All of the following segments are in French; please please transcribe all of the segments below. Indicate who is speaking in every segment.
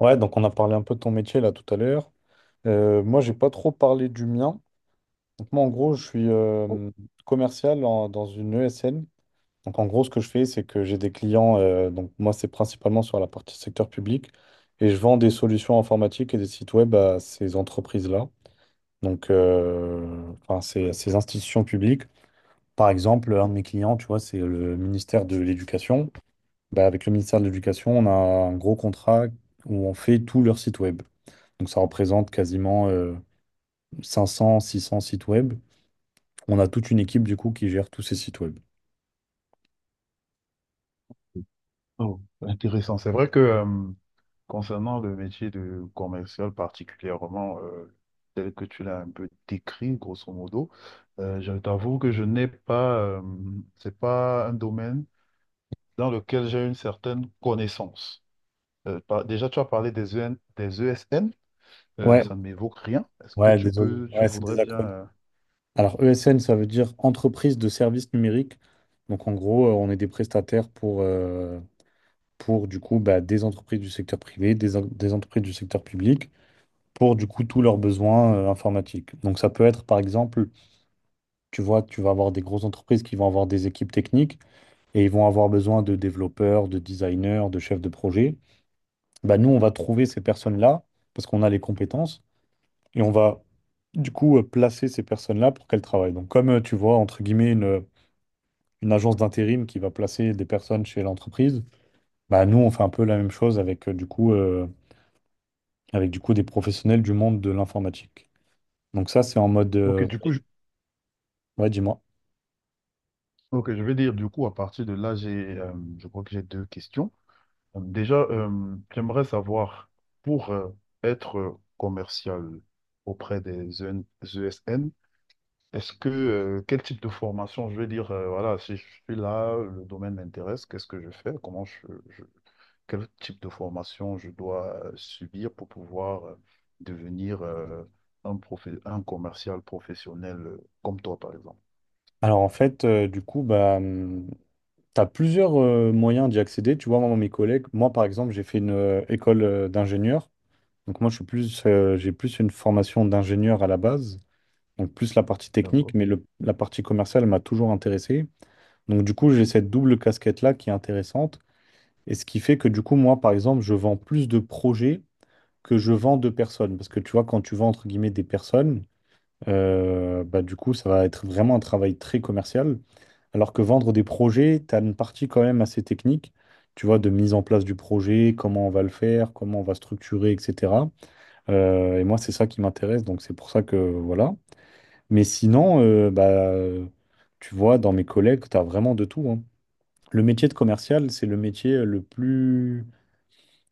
Speaker 1: Ouais, donc on a parlé un peu de ton métier là tout à l'heure. Moi, j'ai pas trop parlé du mien. Donc moi, en gros, je suis commercial dans une ESN. Donc en gros, ce que je fais, c'est que j'ai des clients. Donc moi, c'est principalement sur la partie secteur public et je vends des solutions informatiques et des sites web à ces entreprises-là. Donc, ces institutions publiques. Par exemple, un de mes clients, tu vois, c'est le ministère de l'Éducation. Bah, avec le ministère de l'Éducation, on a un gros contrat où on fait tout leur site web. Donc ça représente quasiment 500, 600 sites web. On a toute une équipe du coup qui gère tous ces sites web.
Speaker 2: Oh, intéressant. C'est vrai que concernant le métier de commercial particulièrement, tel que tu l'as un peu décrit, grosso modo, je t'avoue que je n'ai pas, c'est pas un domaine dans lequel j'ai une certaine connaissance. Déjà, tu as parlé des EN des ESN,
Speaker 1: Ouais,
Speaker 2: ça ne m'évoque rien. Est-ce que
Speaker 1: ouais, désolé.
Speaker 2: tu
Speaker 1: Ouais, c'est
Speaker 2: voudrais
Speaker 1: des
Speaker 2: bien...
Speaker 1: acronymes. Alors ESN, ça veut dire entreprise de services numériques. Donc en gros, on est des prestataires pour du coup bah, des entreprises du secteur privé, des entreprises du secteur public, pour du coup tous leurs besoins informatiques. Donc ça peut être par exemple, tu vois, tu vas avoir des grosses entreprises qui vont avoir des équipes techniques et ils vont avoir besoin de développeurs, de designers, de chefs de projet. Bah, nous, on va trouver ces personnes-là parce qu'on a les compétences et on va du coup placer ces personnes-là pour qu'elles travaillent. Donc, comme tu vois, entre guillemets, une agence d'intérim qui va placer des personnes chez l'entreprise, bah, nous, on fait un peu la même chose avec avec du coup des professionnels du monde de l'informatique. Donc, ça, c'est en mode.
Speaker 2: Ok, du coup,
Speaker 1: Ouais, dis-moi.
Speaker 2: je vais dire, du coup, à partir de là, euh, je crois que j'ai deux questions. Déjà, j'aimerais savoir, pour être commercial auprès des EN ESN, quel type de formation, je vais dire, voilà, si je suis là, le domaine m'intéresse, qu'est-ce que je fais, je- quel type de formation je dois subir pour pouvoir devenir un commercial professionnel comme toi, par exemple.
Speaker 1: Alors, en fait, tu as plusieurs moyens d'y accéder. Tu vois, moi, mes collègues, moi, par exemple, j'ai fait une école d'ingénieur. Donc moi, je suis j'ai plus une formation d'ingénieur à la base, donc plus la partie technique,
Speaker 2: D'accord.
Speaker 1: mais la partie commerciale m'a toujours intéressé. Donc du coup, j'ai cette double casquette-là qui est intéressante. Et ce qui fait que du coup, moi, par exemple, je vends plus de projets que je vends de personnes. Parce que tu vois, quand tu vends, entre guillemets, des personnes, bah, du coup, ça va être vraiment un travail très commercial. Alors que vendre des projets, tu as une partie quand même assez technique, tu vois, de mise en place du projet, comment on va le faire, comment on va structurer, etc. Et moi, c'est ça qui m'intéresse, donc c'est pour ça que voilà. Mais sinon, tu vois, dans mes collègues, tu as vraiment de tout, hein. Le métier de commercial, c'est le métier le plus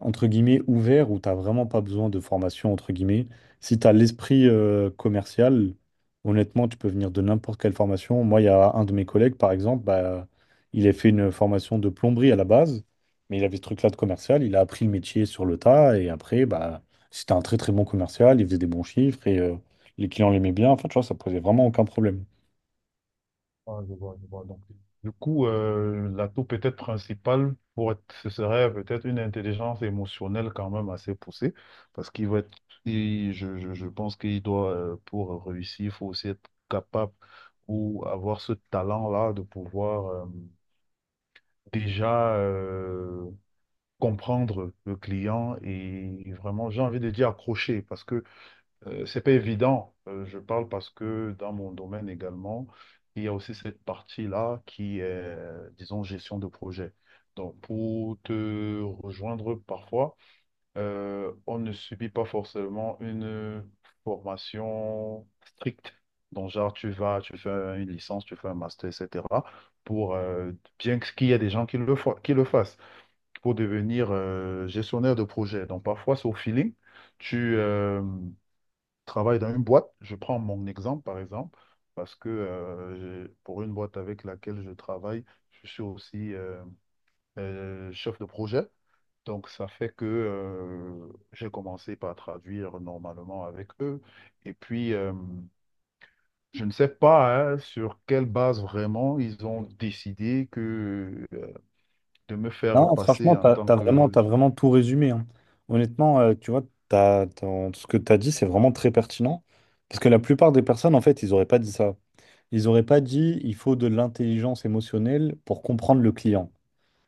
Speaker 1: entre guillemets, ouvert où tu n'as vraiment pas besoin de formation, entre guillemets. Si tu as l'esprit commercial, honnêtement, tu peux venir de n'importe quelle formation. Moi, il y a un de mes collègues, par exemple, bah, il a fait une formation de plomberie à la base, mais il avait ce truc-là de commercial. Il a appris le métier sur le tas et après, bah, c'était un très très bon commercial. Il faisait des bons chiffres et les clients l'aimaient bien. Enfin, tu vois, ça posait vraiment aucun problème.
Speaker 2: Ah, je vois, je vois. Donc, du coup, l'atout peut-être principal ce serait peut-être une intelligence émotionnelle quand même assez poussée, parce qu'il va être, je pense qu'il doit, pour réussir, il faut aussi être capable ou avoir ce talent-là de pouvoir déjà comprendre le client et vraiment, j'ai envie de dire accrocher parce que c'est pas évident. Je parle parce que dans mon domaine également, il y a aussi cette partie-là qui est, disons, gestion de projet. Donc, pour te rejoindre parfois, on ne subit pas forcément une formation stricte. Donc, genre, tu fais une licence, tu fais un master, etc. Pour, qu'il y ait des gens qui qui le fassent, pour devenir gestionnaire de projet. Donc, parfois, c'est au feeling. Tu travailles dans une boîte. Je prends mon exemple, par exemple, parce que pour une boîte avec laquelle je travaille, je suis aussi chef de projet. Donc, ça fait que j'ai commencé par traduire normalement avec eux. Et puis, je ne sais pas hein, sur quelle base vraiment ils ont décidé que, de me faire
Speaker 1: Non,
Speaker 2: passer
Speaker 1: franchement,
Speaker 2: en tant que...
Speaker 1: t'as vraiment tout résumé, hein. Honnêtement, tu vois, ce que t'as dit, c'est vraiment très pertinent. Parce que la plupart des personnes, en fait, ils n'auraient pas dit ça. Ils n'auraient pas dit, il faut de l'intelligence émotionnelle pour comprendre le client.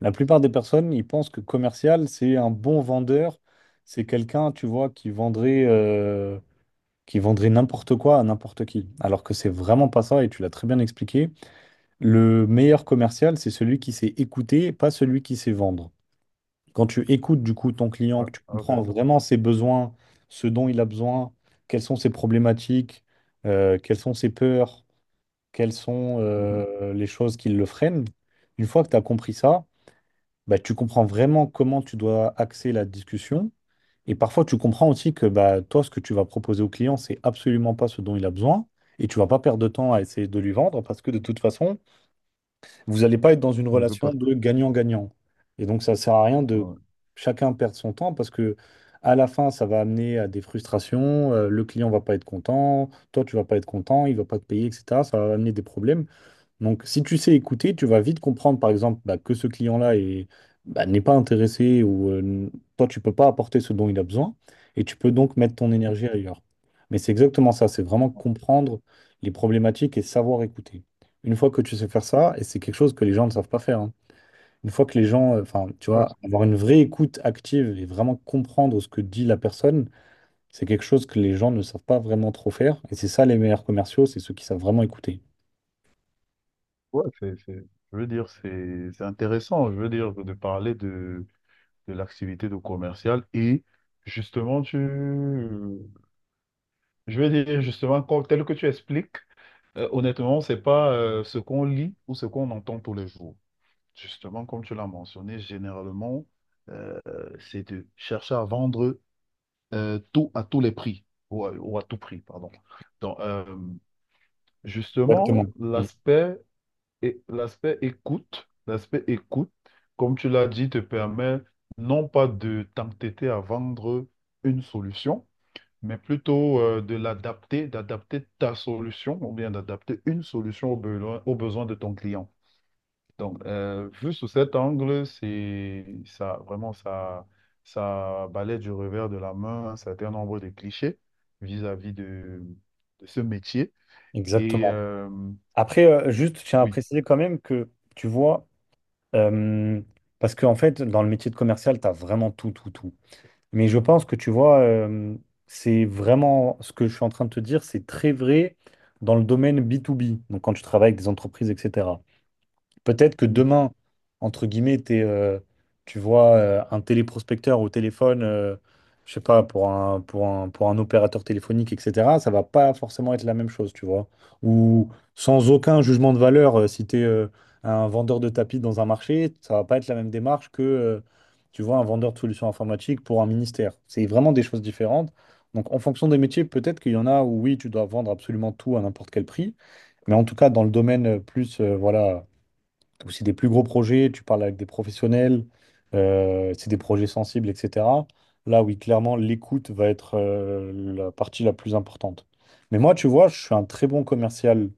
Speaker 1: La plupart des personnes, ils pensent que commercial, c'est un bon vendeur. C'est quelqu'un, tu vois, qui vendrait n'importe quoi à n'importe qui. Alors que c'est vraiment pas ça, et tu l'as très bien expliqué. Le meilleur commercial, c'est celui qui sait écouter, pas celui qui sait vendre. Quand tu écoutes du coup ton client,
Speaker 2: Ouais,
Speaker 1: que tu
Speaker 2: ok.
Speaker 1: comprends vraiment ses besoins, ce dont il a besoin, quelles sont ses problématiques, quelles sont ses peurs, quelles sont
Speaker 2: Mhm.
Speaker 1: les choses qui le freinent, une fois que tu as compris ça, bah, tu comprends vraiment comment tu dois axer la discussion. Et parfois, tu comprends aussi que bah, toi, ce que tu vas proposer au client, c'est absolument pas ce dont il a besoin. Et tu vas pas perdre de temps à essayer de lui vendre parce que de toute façon, vous n'allez pas être dans une
Speaker 2: Je ne veux pas
Speaker 1: relation
Speaker 2: ça.
Speaker 1: de gagnant-gagnant. Et donc, ça ne sert à rien de
Speaker 2: Ouais.
Speaker 1: chacun perdre son temps parce que à la fin, ça va amener à des frustrations. Le client va pas être content, toi, tu vas pas être content, il va pas te payer, etc. Ça va amener des problèmes. Donc, si tu sais écouter, tu vas vite comprendre, par exemple, bah, que ce client-là est- bah, n'est pas intéressé ou toi, tu peux pas apporter ce dont il a besoin et tu peux donc mettre ton énergie ailleurs. Mais c'est exactement ça, c'est vraiment comprendre les problématiques et savoir écouter. Une fois que tu sais faire ça, et c'est quelque chose que les gens ne savent pas faire, hein. Une fois que les gens, enfin, tu
Speaker 2: Ouais, c'est-
Speaker 1: vois, avoir une vraie écoute active et vraiment comprendre ce que dit la personne, c'est quelque chose que les gens ne savent pas vraiment trop faire. Et c'est ça les meilleurs commerciaux, c'est ceux qui savent vraiment écouter.
Speaker 2: ouais, c'est- c'est- je veux dire, c'est intéressant. Je veux dire, de parler de l'activité de commercial et justement, je veux dire, justement, tel que tu expliques. Honnêtement, c'est pas ce qu'on lit ou ce qu'on entend tous les jours. Justement, comme tu l'as mentionné, généralement, euh, c'est de chercher à vendre tout à tous les prix, ou à tout prix, pardon. Donc, justement,
Speaker 1: Exactement. Mm.
Speaker 2: l'aspect écoute, comme tu l'as dit, te permet non pas de t'entêter à vendre une solution, mais plutôt d'adapter ta solution ou bien d'adapter une solution aux besoins de ton client. Donc, vu sous cet angle, c'est ça, vraiment, ça balaie du revers de la main un certain nombre de clichés vis-à-vis de ce métier. Et
Speaker 1: Exactement. Après, juste, je tiens à
Speaker 2: oui.
Speaker 1: préciser quand même que, tu vois, euh, parce qu'en fait, dans le métier de commercial, tu as vraiment tout, tout, tout. Mais je pense que, tu vois, c'est vraiment ce que je suis en train de te dire, c'est très vrai dans le domaine B2B, donc quand tu travailles avec des entreprises, etc. Peut-être que demain, entre guillemets, tu vois un téléprospecteur au téléphone, je sais pas, pour un opérateur téléphonique, etc., ça va pas forcément être la même chose, tu vois. Ou sans aucun jugement de valeur, si tu es un vendeur de tapis dans un marché, ça va pas être la même démarche que, tu vois, un vendeur de solutions informatiques pour un ministère. C'est vraiment des choses différentes. Donc, en fonction des métiers, peut-être qu'il y en a où, oui, tu dois vendre absolument tout à n'importe quel prix. Mais en tout cas, dans le domaine voilà ou c'est des plus gros projets, tu parles avec des professionnels, c'est des projets sensibles, etc. Là, oui, clairement, l'écoute va être la partie la plus importante. Mais moi, tu vois, je suis un très bon commercial,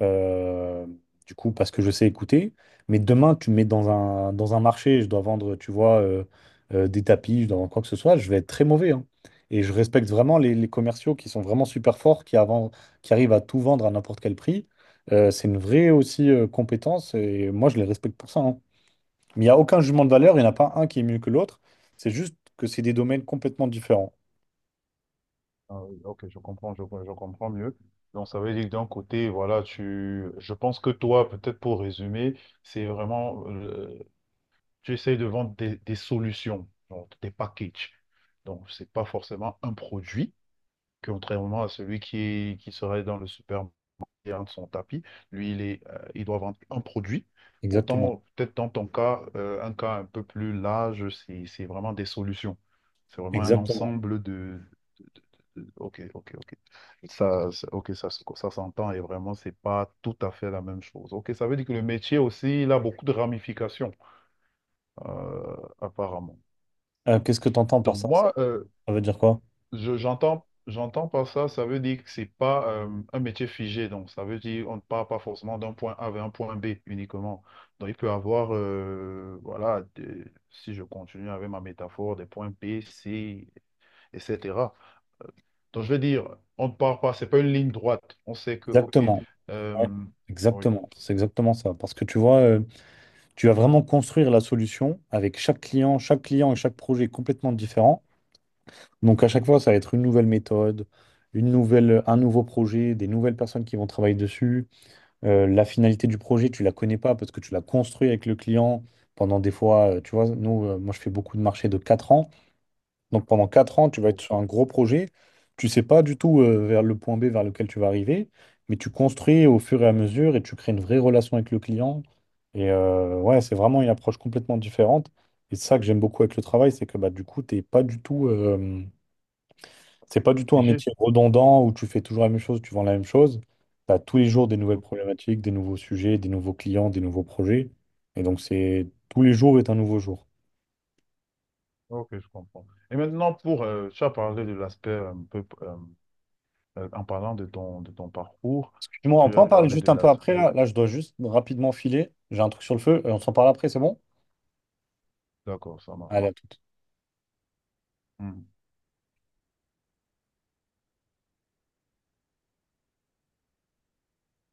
Speaker 1: euh, du coup, parce que je sais écouter. Mais demain, tu me mets dans un marché, je dois vendre, tu vois, des tapis, je dois vendre quoi que ce soit, je vais être très mauvais, hein. Et je respecte vraiment les commerciaux qui sont vraiment super forts, qui, avant, qui arrivent à tout vendre à n'importe quel prix. C'est une vraie aussi compétence et moi je les respecte pour ça, hein. Mais il n'y a aucun jugement de valeur, il n'y en a pas un qui est mieux que l'autre. C'est juste que c'est des domaines complètement différents.
Speaker 2: Ah oui, ok, je comprends, je comprends mieux. Donc, ça veut dire que d'un côté, voilà, je pense que toi, peut-être pour résumer, c'est vraiment, tu essayes de vendre des solutions, genre des packages. Donc, ce n'est pas forcément un produit, contrairement à celui qui serait dans le supermarché de son tapis. Lui, il doit vendre un produit.
Speaker 1: Exactement.
Speaker 2: Pourtant, peut-être dans ton cas, un cas un peu plus large, c'est vraiment des solutions. C'est vraiment un
Speaker 1: Exactement.
Speaker 2: ensemble de... Ok, ok, ok. Ok, ça s'entend et vraiment, c'est pas tout à fait la même chose. Ok, ça veut dire que le métier aussi, il a beaucoup de ramifications, apparemment.
Speaker 1: Qu'est-ce que tu entends par
Speaker 2: Donc
Speaker 1: ça?
Speaker 2: moi,
Speaker 1: Ça veut dire quoi?
Speaker 2: j'entends par ça, ça veut dire que c'est pas un métier figé. Donc ça veut dire on ne part pas forcément d'un point A vers un point B uniquement. Donc il peut avoir, voilà, si je continue avec ma métaphore, des points B, C, etc. Donc je veux dire, on ne part pas, c'est pas une ligne droite. On sait que, ok,
Speaker 1: Exactement. Ouais,
Speaker 2: euh, oui,
Speaker 1: Exactement. C'est exactement ça. Parce que tu vois, tu vas vraiment construire la solution avec chaque client et chaque projet est complètement différent. Donc à chaque fois, ça va être une nouvelle méthode, un nouveau projet, des nouvelles personnes qui vont travailler dessus. La finalité du projet, tu la connais pas parce que tu l'as construit avec le client pendant des fois, moi je fais beaucoup de marchés de 4 ans. Donc pendant 4 ans, tu vas
Speaker 2: oh,
Speaker 1: être sur un gros projet. Tu sais pas du tout vers le point B vers lequel tu vas arriver, mais tu construis au fur et à mesure et tu crées une vraie relation avec le client. Et ouais, c'est vraiment une approche complètement différente. Et c'est ça que j'aime beaucoup avec le travail, c'est que bah, du coup, t'es pas du tout, c'est pas du tout un
Speaker 2: figé.
Speaker 1: métier redondant où tu fais toujours la même chose, tu vends la même chose. Tu as tous les jours des nouvelles problématiques, des nouveaux sujets, des nouveaux clients, des nouveaux projets. Et donc, c'est tous les jours est un nouveau jour.
Speaker 2: Ok, je comprends. Et maintenant, tu as parlé de l'aspect un peu en parlant de ton parcours,
Speaker 1: Dis-moi, on
Speaker 2: tu
Speaker 1: peut
Speaker 2: as
Speaker 1: en parler
Speaker 2: parlé
Speaker 1: juste
Speaker 2: de
Speaker 1: un peu après
Speaker 2: l'aspect.
Speaker 1: là. Là, je dois juste rapidement filer. J'ai un truc sur le feu. On s'en parle après, c'est bon?
Speaker 2: D'accord, ça
Speaker 1: Allez,
Speaker 2: marche.
Speaker 1: à tout.
Speaker 2: Mhm.